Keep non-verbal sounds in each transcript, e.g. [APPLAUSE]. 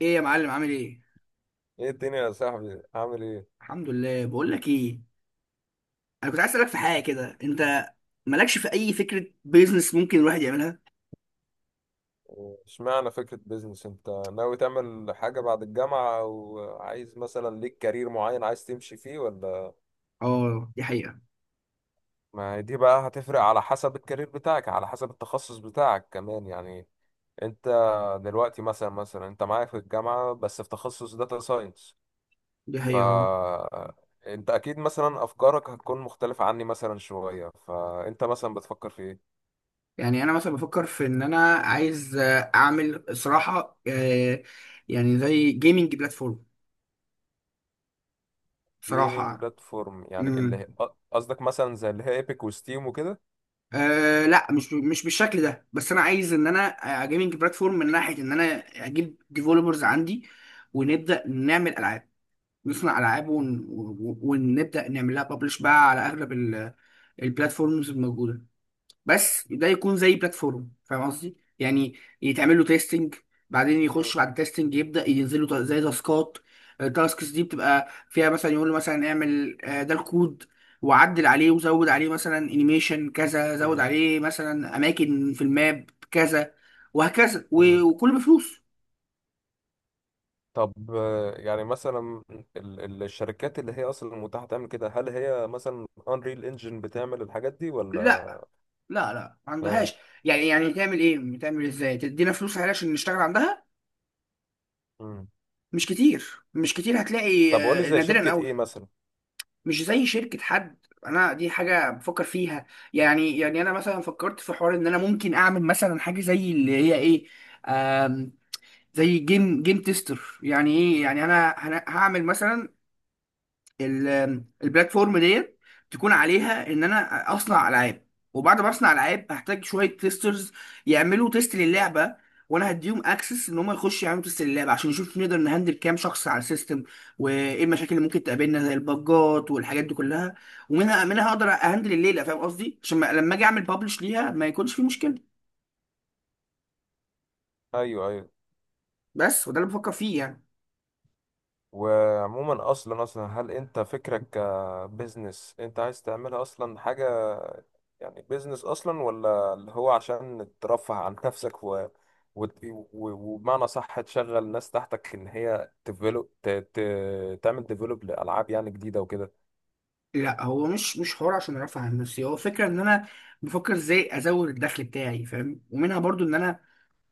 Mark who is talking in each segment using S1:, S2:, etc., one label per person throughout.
S1: ايه يا معلم، عامل ايه؟
S2: ايه الدنيا يا صاحبي عامل ايه؟
S1: الحمد لله. بقول لك ايه، انا كنت عايز اسالك في حاجه كده. انت مالكش في اي فكره بيزنس ممكن الواحد يعملها؟
S2: اشمعنى فكرة بيزنس؟ انت ناوي تعمل حاجة بعد الجامعة او عايز مثلا ليك كارير معين عايز تمشي فيه ولا؟
S1: اه، دي حقيقه.
S2: ما هي دي بقى هتفرق على حسب الكارير بتاعك، على حسب التخصص بتاعك كمان يعني. انت دلوقتي مثلا انت معايا في الجامعة بس في تخصص داتا ساينس.
S1: دي
S2: ف
S1: حقيقه، اه.
S2: انت اكيد مثلا افكارك هتكون مختلفة عني مثلا شوية، فانت مثلا بتفكر في ايه؟
S1: يعني انا مثلا بفكر في ان انا عايز اعمل صراحه، يعني زي جيمنج بلاتفورم،
S2: جيمنج
S1: صراحه.
S2: بلاتفورم يعني
S1: امم.
S2: قصدك مثلا زي اللي هي ايبك وستيم وكده؟
S1: آه، لا، مش بالشكل ده، بس انا عايز ان انا جيمنج بلاتفورم من ناحيه ان انا اجيب ديفلوبرز عندي، ونبدا نعمل العاب، نصنع العاب، ونبدا نعمل لها ببلش بقى على اغلب البلاتفورمز الموجوده. بس ده يكون زي بلاتفورم، فاهم قصدي يعني، يتعمل له تيستنج، بعدين
S2: مم.
S1: يخش بعد التيستنج يبدا ينزل له زي تاسكات. التاسكس دي بتبقى فيها مثلا يقول له مثلا اعمل، ده الكود، وعدل عليه وزود عليه مثلا انيميشن كذا، زود
S2: مم.
S1: عليه مثلا اماكن في الماب كذا، وهكذا
S2: مم.
S1: وكله بفلوس.
S2: طب، يعني مثلا الشركات اللي هي اصلا متاحه تعمل كده، هل هي مثلا انريل انجن بتعمل الحاجات دي ولا؟
S1: لا لا، لا، ما
S2: اه.
S1: عندهاش. يعني تعمل ايه، تعمل ازاي، تدينا فلوس عليها عشان نشتغل عندها؟
S2: مم.
S1: مش كتير، مش كتير هتلاقي،
S2: طب قول لي زي
S1: نادرا
S2: شركه
S1: قوي.
S2: ايه مثلا.
S1: مش زي شركة حد، انا دي حاجة بفكر فيها. يعني انا مثلا فكرت في حوار ان انا ممكن اعمل مثلا حاجة زي اللي هي ايه، آم زي جيم تيستر. يعني ايه، يعني انا هعمل مثلا البلاتفورم ديت تكون عليها ان انا اصنع العاب، وبعد ما اصنع العاب هحتاج شويه تيسترز يعملوا تيست للعبه، وانا هديهم اكسس ان هم يخشوا يعملوا تيست للعبه عشان نشوف نقدر نهندل كام شخص على السيستم، وايه المشاكل اللي ممكن تقابلنا زي الباجات والحاجات دي كلها. ومنها اقدر اهندل الليله، فاهم قصدي، عشان لما اجي اعمل ببلش ليها ما يكونش في مشكله.
S2: ايوه، ايوه.
S1: بس، وده اللي بفكر فيه يعني.
S2: وعموما اصلا هل انت فكرك كبزنس؟ انت عايز تعملها اصلا حاجه يعني بزنس اصلا، ولا اللي هو عشان ترفه عن نفسك وبمعنى صح تشغل ناس تحتك ان هي تعمل ديفلوب لالعاب يعني جديده وكده؟
S1: لا، هو مش حوار عشان ارفع عن نفسي، هو فكره ان انا بفكر ازاي ازود الدخل بتاعي، فاهم، ومنها برضو ان انا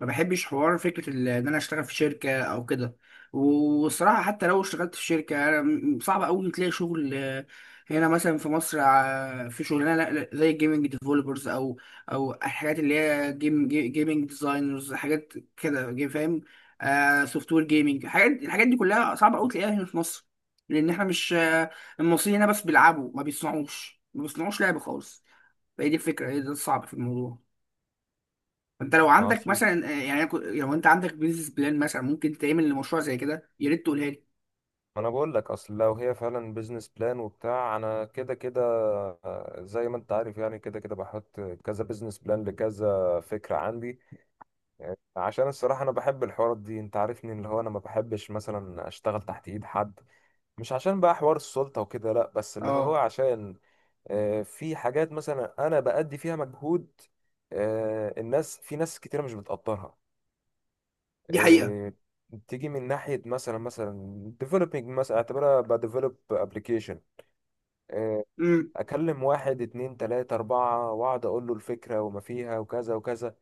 S1: ما بحبش حوار فكرة ان انا اشتغل في شركة او كده. والصراحة حتى لو اشتغلت في شركة، أنا صعب قوي تلاقي شغل، هنا مثلا في مصر، في شغلانة لا، زي الجيمنج ديفلوبرز، او الحاجات اللي هي جيمنج ديزاينرز، حاجات كده، فاهم، سوفت وير جيمنج، الحاجات دي كلها صعب قوي تلاقيها هنا في مصر. لان احنا مش، المصريين هنا بس بيلعبوا، ما بيصنعوش، ما بيصنعوش لعب خالص. فهي دي الفكرة، هي ده الصعب في الموضوع. انت لو
S2: ما
S1: عندك
S2: اصل
S1: مثلا، يعني لو انت عندك بيزنس بلان مثلا ممكن تعمل لمشروع زي كده، يا ريت تقولها لي.
S2: ما انا بقول لك، اصل لو هي فعلا بيزنس بلان وبتاع انا كده كده، زي ما انت عارف، يعني كده كده بحط كذا بيزنس بلان لكذا فكرة عندي. عشان الصراحة انا بحب الحوارات دي، انت عارفني، اللي هو انا ما بحبش مثلا اشتغل تحت ايد حد. مش عشان بقى حوار السلطة وكده، لا، بس اللي هو
S1: اه،
S2: عشان في حاجات مثلا انا بأدي فيها مجهود، الناس، في ناس كتيرة مش بتقدرها.
S1: دي حقيقة.
S2: آه، تيجي من ناحية مثلا developing، مثلا اعتبرها ب develop application. آه،
S1: امم.
S2: أكلم واحد اتنين تلاتة أربعة وأقعد أقول له الفكرة وما فيها وكذا وكذا،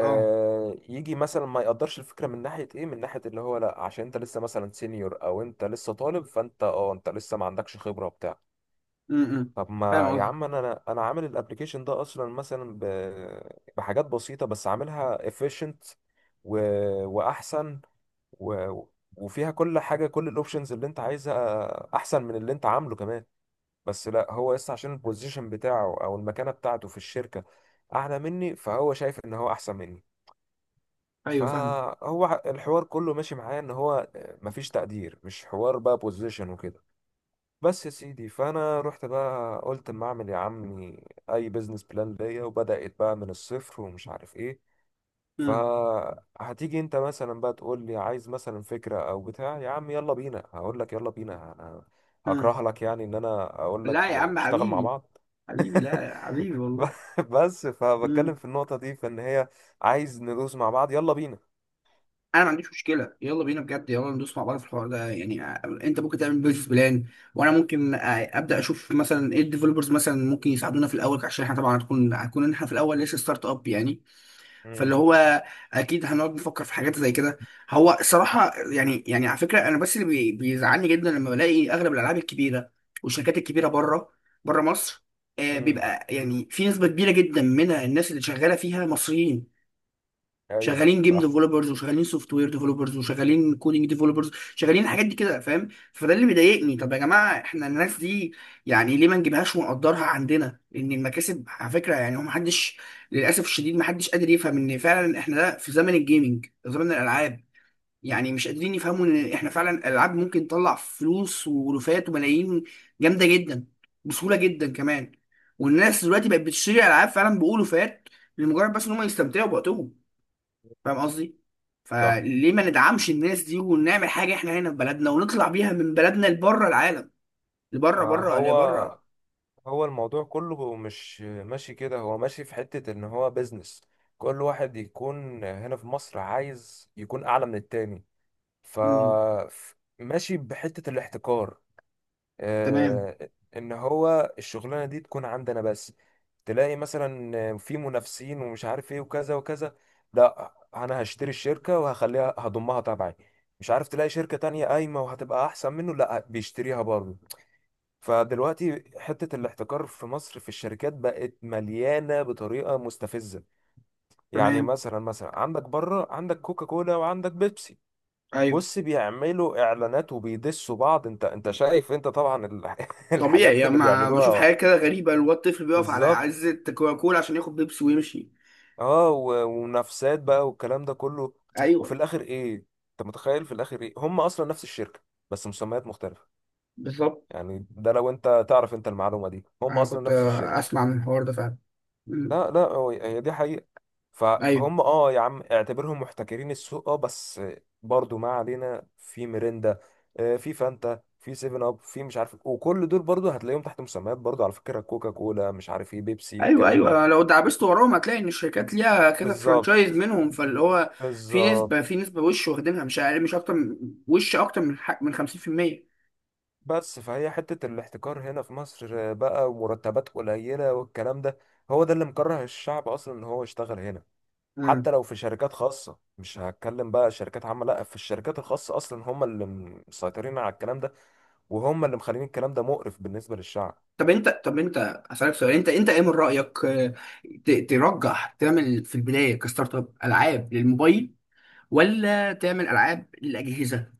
S1: اه.
S2: يجي مثلا ما يقدرش الفكرة من ناحية إيه؟ من ناحية اللي هو لأ، عشان أنت لسه مثلا سينيور، أو أنت لسه طالب، فأنت أنت لسه ما عندكش خبرة وبتاع.
S1: امم،
S2: طب
S1: فاهم
S2: ما يا
S1: قصدك.
S2: عم، أنا عامل الابلكيشن ده أصلا مثلا بحاجات بسيطة، بس عاملها efficient و... وأحسن و... وفيها كل حاجه، كل الاوبشنز اللي انت عايزها، احسن من اللي انت عامله كمان. بس لا، هو لسه عشان البوزيشن بتاعه او المكانه بتاعته في الشركه اعلى مني، فهو شايف ان هو احسن مني.
S1: ايوه فاهمك.
S2: فهو الحوار كله ماشي معايا ان هو مفيش تقدير. مش حوار بقى بوزيشن وكده. بس يا سيدي، فانا رحت بقى قلت اما اعمل يا عمي اي بزنس بلان ليا، وبدات بقى من الصفر ومش عارف ايه.
S1: امم،
S2: فهتيجي انت مثلا بقى تقول لي عايز مثلا فكرة او بتاع، يا عم يلا بينا، هقول لك يلا بينا، انا
S1: امم.
S2: هكره لك يعني ان انا اقول لك
S1: لا يا عم
S2: نشتغل مع
S1: حبيبي،
S2: بعض.
S1: حبيبي، لا يا
S2: [LAUGHS]
S1: حبيبي والله.
S2: بس فبتكلم
S1: امم.
S2: في النقطة دي فان هي عايز ندوس مع بعض، يلا بينا.
S1: انا ما عنديش مشكلة، يلا بينا، بجد يلا ندوس مع بعض في الحوار ده. يعني، انت ممكن تعمل بيزنس بلان، وانا ممكن، ابدا اشوف مثلا ايه الديفلوبرز مثلا ممكن يساعدونا في الاول، عشان احنا طبعا هتكون احنا في الاول لسه ستارت اب يعني. فاللي
S2: امم
S1: هو اكيد هنقعد نفكر في حاجات زي كده. هو الصراحه يعني على فكره، انا بس اللي بيزعلني جدا لما بلاقي اغلب الالعاب الكبيره والشركات الكبيره بره، بره مصر،
S2: امم
S1: بيبقى يعني في نسبه كبيره جدا من الناس اللي شغاله فيها مصريين.
S2: ايوه،
S1: شغالين جيم
S2: صح.
S1: ديفلوبرز، وشغالين سوفت وير ديفلوبرز، وشغالين كودينج ديفلوبرز، شغالين الحاجات دي كده، فاهم. فده اللي مضايقني، طب يا جماعه احنا الناس دي يعني ليه ما نجيبهاش ونقدرها عندنا؟ لان المكاسب على فكره يعني، هو محدش، للاسف الشديد محدش قادر يفهم ان فعلا احنا ده في زمن الجيمنج، زمن الالعاب. يعني مش قادرين يفهموا ان احنا فعلا الالعاب ممكن تطلع فلوس، ولوفات وملايين، جامده جدا، بسهوله جدا كمان. والناس دلوقتي بقت بتشتري العاب فعلا بألوفات، لمجرد بس ان هم يستمتعوا بوقتهم، فاهم قصدي.
S2: صح.
S1: فليه ما ندعمش الناس دي، ونعمل حاجه احنا هنا في بلدنا، ونطلع بيها من بلدنا لبره العالم، لبره،
S2: ما
S1: بره،
S2: هو،
S1: لبره.
S2: هو الموضوع كله مش ماشي كده، هو ماشي في حتة ان هو بيزنس، كل واحد يكون هنا في مصر عايز يكون اعلى من التاني. ف
S1: امم.
S2: ماشي بحتة الاحتكار،
S1: تمام،
S2: آه، ان هو الشغلانة دي تكون عندنا بس. تلاقي مثلا في منافسين ومش عارف ايه وكذا وكذا، لا انا هشتري الشركة وهخليها، هضمها تبعي. مش عارف تلاقي شركة تانية قايمة وهتبقى احسن منه، لا بيشتريها برضه. فدلوقتي حتة الاحتكار في مصر في الشركات بقت مليانة بطريقة مستفزة. يعني
S1: تمام.
S2: مثلا عندك بره عندك كوكا كولا وعندك بيبسي.
S1: ايوه.
S2: بص بيعملوا اعلانات وبيدسوا بعض، انت شايف انت طبعا [LAUGHS]
S1: طبيعي
S2: الحاجات
S1: يعني،
S2: اللي
S1: ما بشوف
S2: بيعملوها.
S1: حاجات كده غريبه، اللي هو الطفل بيقف على
S2: بالظبط.
S1: عزه كوكاكولا عشان ياخد بيبسي ويمشي.
S2: اه ومنافسات بقى والكلام ده كله. وفي
S1: ايوه.
S2: الاخر ايه؟ انت متخيل في الاخر ايه؟ هم اصلا نفس الشركة، بس مسميات مختلفة.
S1: بالظبط.
S2: يعني ده لو انت تعرف انت المعلومة دي، هم
S1: انا
S2: اصلا
S1: كنت،
S2: نفس الشركة.
S1: اسمع من الحوار ده فعلا. امم.
S2: لا، لا، هي دي حقيقة.
S1: ايوه،
S2: فهم، اه يا عم، اعتبرهم محتكرين السوق، اه، بس برضو ما علينا في ميريندا، في فانتا، في سيفن اب، في مش عارف، وكل دول برضو هتلاقيهم تحت مسميات، برضو على فكرة كوكا كولا مش عارف ايه بيبسي
S1: ايوه،
S2: الكلام ده.
S1: ايوه، لو دعبست وراهم هتلاقي ان الشركات ليها كذا فرانشايز
S2: بالظبط.
S1: منهم، فاللي هو في
S2: بالظبط.
S1: نسبه في نسبه وش واخدينها، مش اقل، مش اكتر وش اكتر من حق من 50%.
S2: بس فهي حتة الاحتكار هنا في مصر بقى، ومرتبات قليلة والكلام ده، هو ده اللي مكره الشعب اصلا ان هو يشتغل هنا.
S1: امم.
S2: حتى لو في شركات خاصة، مش هتكلم بقى شركات عامة، لا، في الشركات الخاصة أصلا هم اللي مسيطرين على الكلام ده، وهم اللي مخلين الكلام ده مقرف بالنسبة للشعب.
S1: طب انت، اسالك سؤال، انت ايه من رايك، ترجح تعمل في البدايه كستارت اب العاب للموبايل، ولا تعمل العاب للاجهزه؟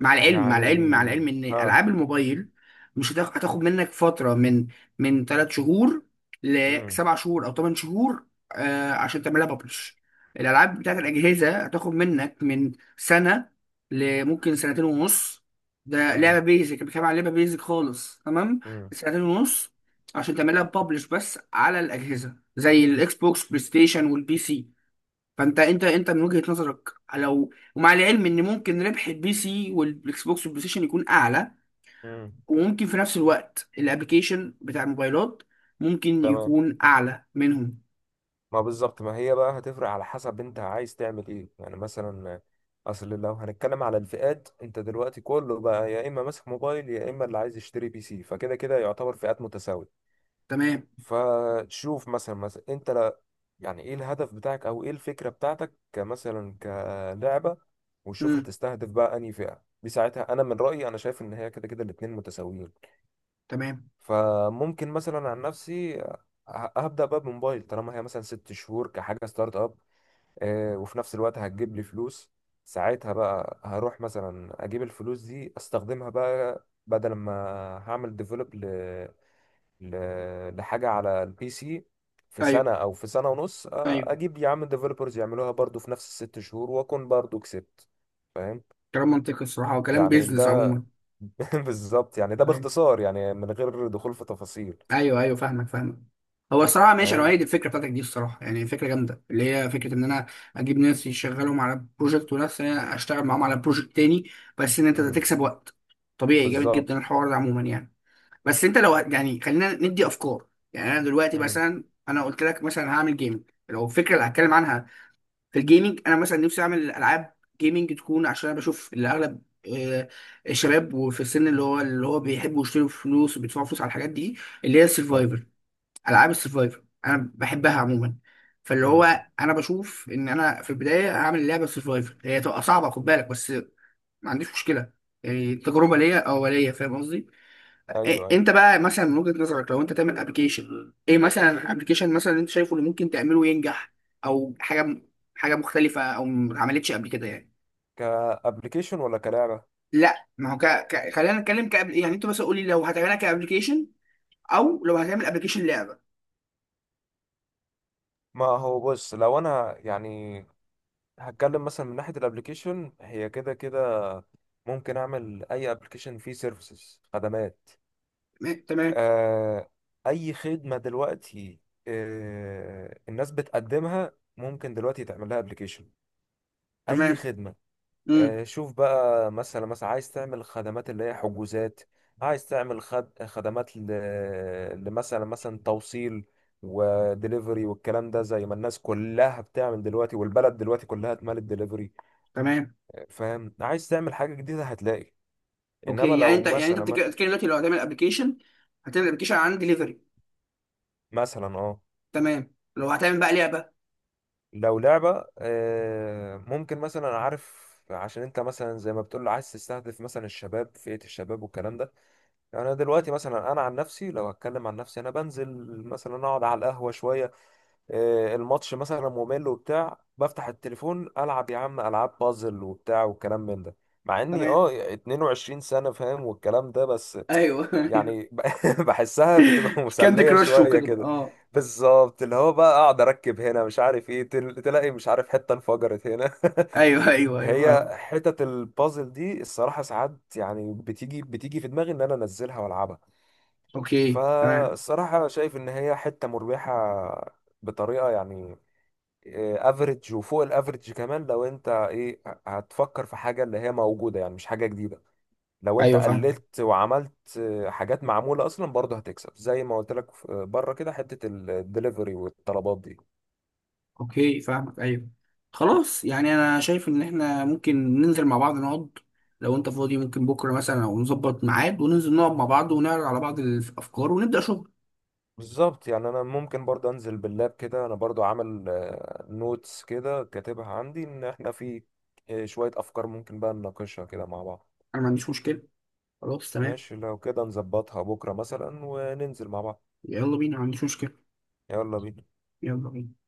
S1: مع
S2: يعني
S1: العلم ان
S2: ها.
S1: العاب الموبايل مش هتاخ- هتاخد منك فتره من، من 3 شهور
S2: مم.
S1: لسبع شهور او 8 شهور، عشان تعملها ببلش. الالعاب بتاعت الاجهزه هتاخد منك من سنه لممكن سنتين ونص. ده لعبه
S2: مم.
S1: بيزك، بتكلم عن لعبه بيزك خالص، تمام.
S2: مم.
S1: سنتين ونص عشان تعملها ببلش، بس على الاجهزه زي الاكس بوكس، بلاي ستيشن، والبي سي. فانت، انت من وجهة نظرك، لو، ومع العلم ان ممكن ربح البي سي والاكس بوكس والبلاي ستيشن يكون اعلى،
S2: مم.
S1: وممكن في نفس الوقت الابليكيشن بتاع الموبايلات ممكن
S2: تمام.
S1: يكون اعلى منهم.
S2: ما بالظبط، ما هي بقى هتفرق على حسب انت عايز تعمل ايه يعني. مثلا اصل لو هنتكلم على الفئات، انت دلوقتي كله بقى يا اما ماسك موبايل يا اما اللي عايز يشتري بي سي، فكده كده يعتبر فئات متساوية.
S1: تمام.
S2: فشوف مثلا انت يعني ايه الهدف بتاعك، او ايه الفكرة بتاعتك كمثلا كلعبة؟ وشوف
S1: امم.
S2: هتستهدف بقى انهي فئة. دي ساعتها انا من رأيي، انا شايف ان هي كده كده الاتنين متساويين.
S1: تمام.
S2: فممكن مثلا عن نفسي هبدأ بقى بموبايل طالما هي مثلا ست شهور كحاجة ستارت اب، وفي نفس الوقت هتجيب لي فلوس. ساعتها بقى هروح مثلا اجيب الفلوس دي استخدمها بقى، بدل ما هعمل ديفلوب لحاجة على البي سي في سنة
S1: ايوه،
S2: أو في سنة ونص،
S1: ايوه،
S2: أجيب يا عم ديفلوبرز يعملوها برضو في نفس الست شهور وأكون برضو كسبت. فاهم؟
S1: كلام منطقي الصراحة، وكلام
S2: يعني
S1: بيزنس
S2: ده
S1: عموما.
S2: [LAUGHS] بالظبط. يعني ده
S1: أيوة.
S2: باختصار يعني من غير دخول في تفاصيل.
S1: ايوه، ايوه، فاهمك، فاهمك. هو الصراحه ماشي، انا اؤيد
S2: فاهم.
S1: الفكره بتاعتك دي الصراحه، يعني فكره جامده، اللي هي فكره ان انا اجيب ناس يشغلهم على بروجكت، وناس انا اشتغل معاهم على بروجكت تاني، بس ان انت
S2: مم.
S1: تكسب وقت. طبيعي، جامد جدا
S2: بالظبط.
S1: الحوار ده عموما يعني. بس انت لو يعني، خلينا ندي افكار. يعني انا دلوقتي
S2: مم.
S1: مثلا، انا قلت لك مثلا هعمل جيمنج، لو الفكره اللي هتكلم عنها في الجيمنج، انا مثلا نفسي اعمل العاب جيمنج تكون، عشان انا بشوف اللي اغلب، آه، الشباب، وفي السن اللي هو بيحبوا يشتروا فلوس وبيدفعوا فلوس على الحاجات دي، اللي هي
S2: بالظبط.
S1: السرفايفل، العاب السرفايفر انا بحبها عموما. فاللي هو
S2: مم.
S1: انا بشوف ان انا في البدايه هعمل لعبه سرفايفر، هي تبقى صعبه، خد بالك بس، ما عنديش مشكله، يعني تجربه ليا اوليه، فاهم قصدي.
S2: أيوه،
S1: إيه
S2: أيوه.
S1: انت بقى، مثلا من وجهه نظرك لو انت تعمل ابلكيشن، ايه مثلا ابلكيشن مثلا انت شايفه اللي ممكن تعمله ينجح، او حاجه، حاجه مختلفه، او ما اتعملتش قبل كده يعني؟
S2: كأبليكيشن ولا كلعبة؟
S1: لا، ما هو خلينا نتكلم كابل، يعني انت مثلا قول لي، لو هتعملها كابلكيشن او لو هتعمل ابلكيشن لعبه.
S2: ما هو بص، لو أنا يعني هتكلم مثلا من ناحية الابليكيشن هي كده كده ممكن أعمل أي ابليكيشن فيه سيرفيسز، خدمات.
S1: تمام. تمام.
S2: آه، أي خدمة دلوقتي الناس بتقدمها ممكن دلوقتي تعمل لها ابلكيشن. أي
S1: تمام.
S2: خدمة.
S1: امم.
S2: شوف بقى مثلا عايز تعمل خدمات اللي هي حجوزات، عايز تعمل خدمات لمثلا، مثلا توصيل ودليفري والكلام ده، زي ما الناس كلها بتعمل دلوقتي، والبلد دلوقتي كلها اتملت دليفري.
S1: تمام.
S2: فاهم؟ عايز تعمل حاجة جديدة هتلاقي. انما
S1: اوكي،
S2: لو
S1: يعني انت
S2: مثلا،
S1: بتتكلم دلوقتي لو هتعمل ابلكيشن، هتعمل ابلكيشن عن دليفري.
S2: مثلا
S1: تمام. لو هتعمل بقى لعبه.
S2: لو لعبة، ممكن مثلا عارف، عشان انت مثلا زي ما بتقول عايز تستهدف مثلا الشباب، فئة الشباب والكلام ده. يعني انا دلوقتي مثلا، انا عن نفسي، لو هتكلم عن نفسي، انا بنزل مثلا اقعد على القهوة شوية، الماتش مثلا ممل وبتاع، بفتح التليفون العب يا عم العاب بازل وبتاع والكلام من ده. مع اني
S1: تمام،
S2: 22 سنة، فاهم، والكلام ده. بس
S1: ايوه، ايوه، [LAUGHS]
S2: يعني [LAUGHS] بحسها بتبقى
S1: كاندي
S2: مسلية
S1: كراش
S2: شوية
S1: وكده، بقى
S2: كده.
S1: اه.
S2: بالظبط، اللي هو بقى اقعد اركب هنا مش عارف ايه، تلاقي مش عارف حتة انفجرت هنا.
S1: ايوه، ايوه،
S2: [LAUGHS]
S1: ايوه،
S2: هي
S1: فاهم.
S2: حتت البازل دي الصراحة ساعات يعني بتيجي بتيجي في دماغي ان انا انزلها والعبها.
S1: اوكي. تمام.
S2: فالصراحة شايف ان هي حتة مربحة بطريقة يعني افريج وفوق الافريج كمان. لو انت ايه، هتفكر في حاجه اللي هي موجوده يعني مش حاجه جديده، لو انت
S1: ايوه فاهمك.
S2: قللت وعملت حاجات معموله اصلا برضه هتكسب زي ما قلت لك بره كده حته الدليفري والطلبات دي.
S1: اوكي فاهمك. ايوه. خلاص، يعني انا شايف ان احنا ممكن ننزل مع بعض، نقعد، لو انت فاضي ممكن بكره مثلا، او نظبط ميعاد وننزل نقعد مع بعض، ونعرض على بعض الافكار، ونبدا شغل.
S2: بالظبط. يعني انا ممكن برضه انزل باللاب كده، انا برضه عامل نوتس كده كاتبها عندي ان احنا في شويه افكار ممكن بقى نناقشها كده مع بعض.
S1: انا ما عنديش مشكله. خلاص تمام.
S2: ماشي، لو كده نظبطها بكره مثلا وننزل مع بعض.
S1: يلا بينا، ما عنديش مشكله.
S2: يلا بينا.
S1: يلا بينا.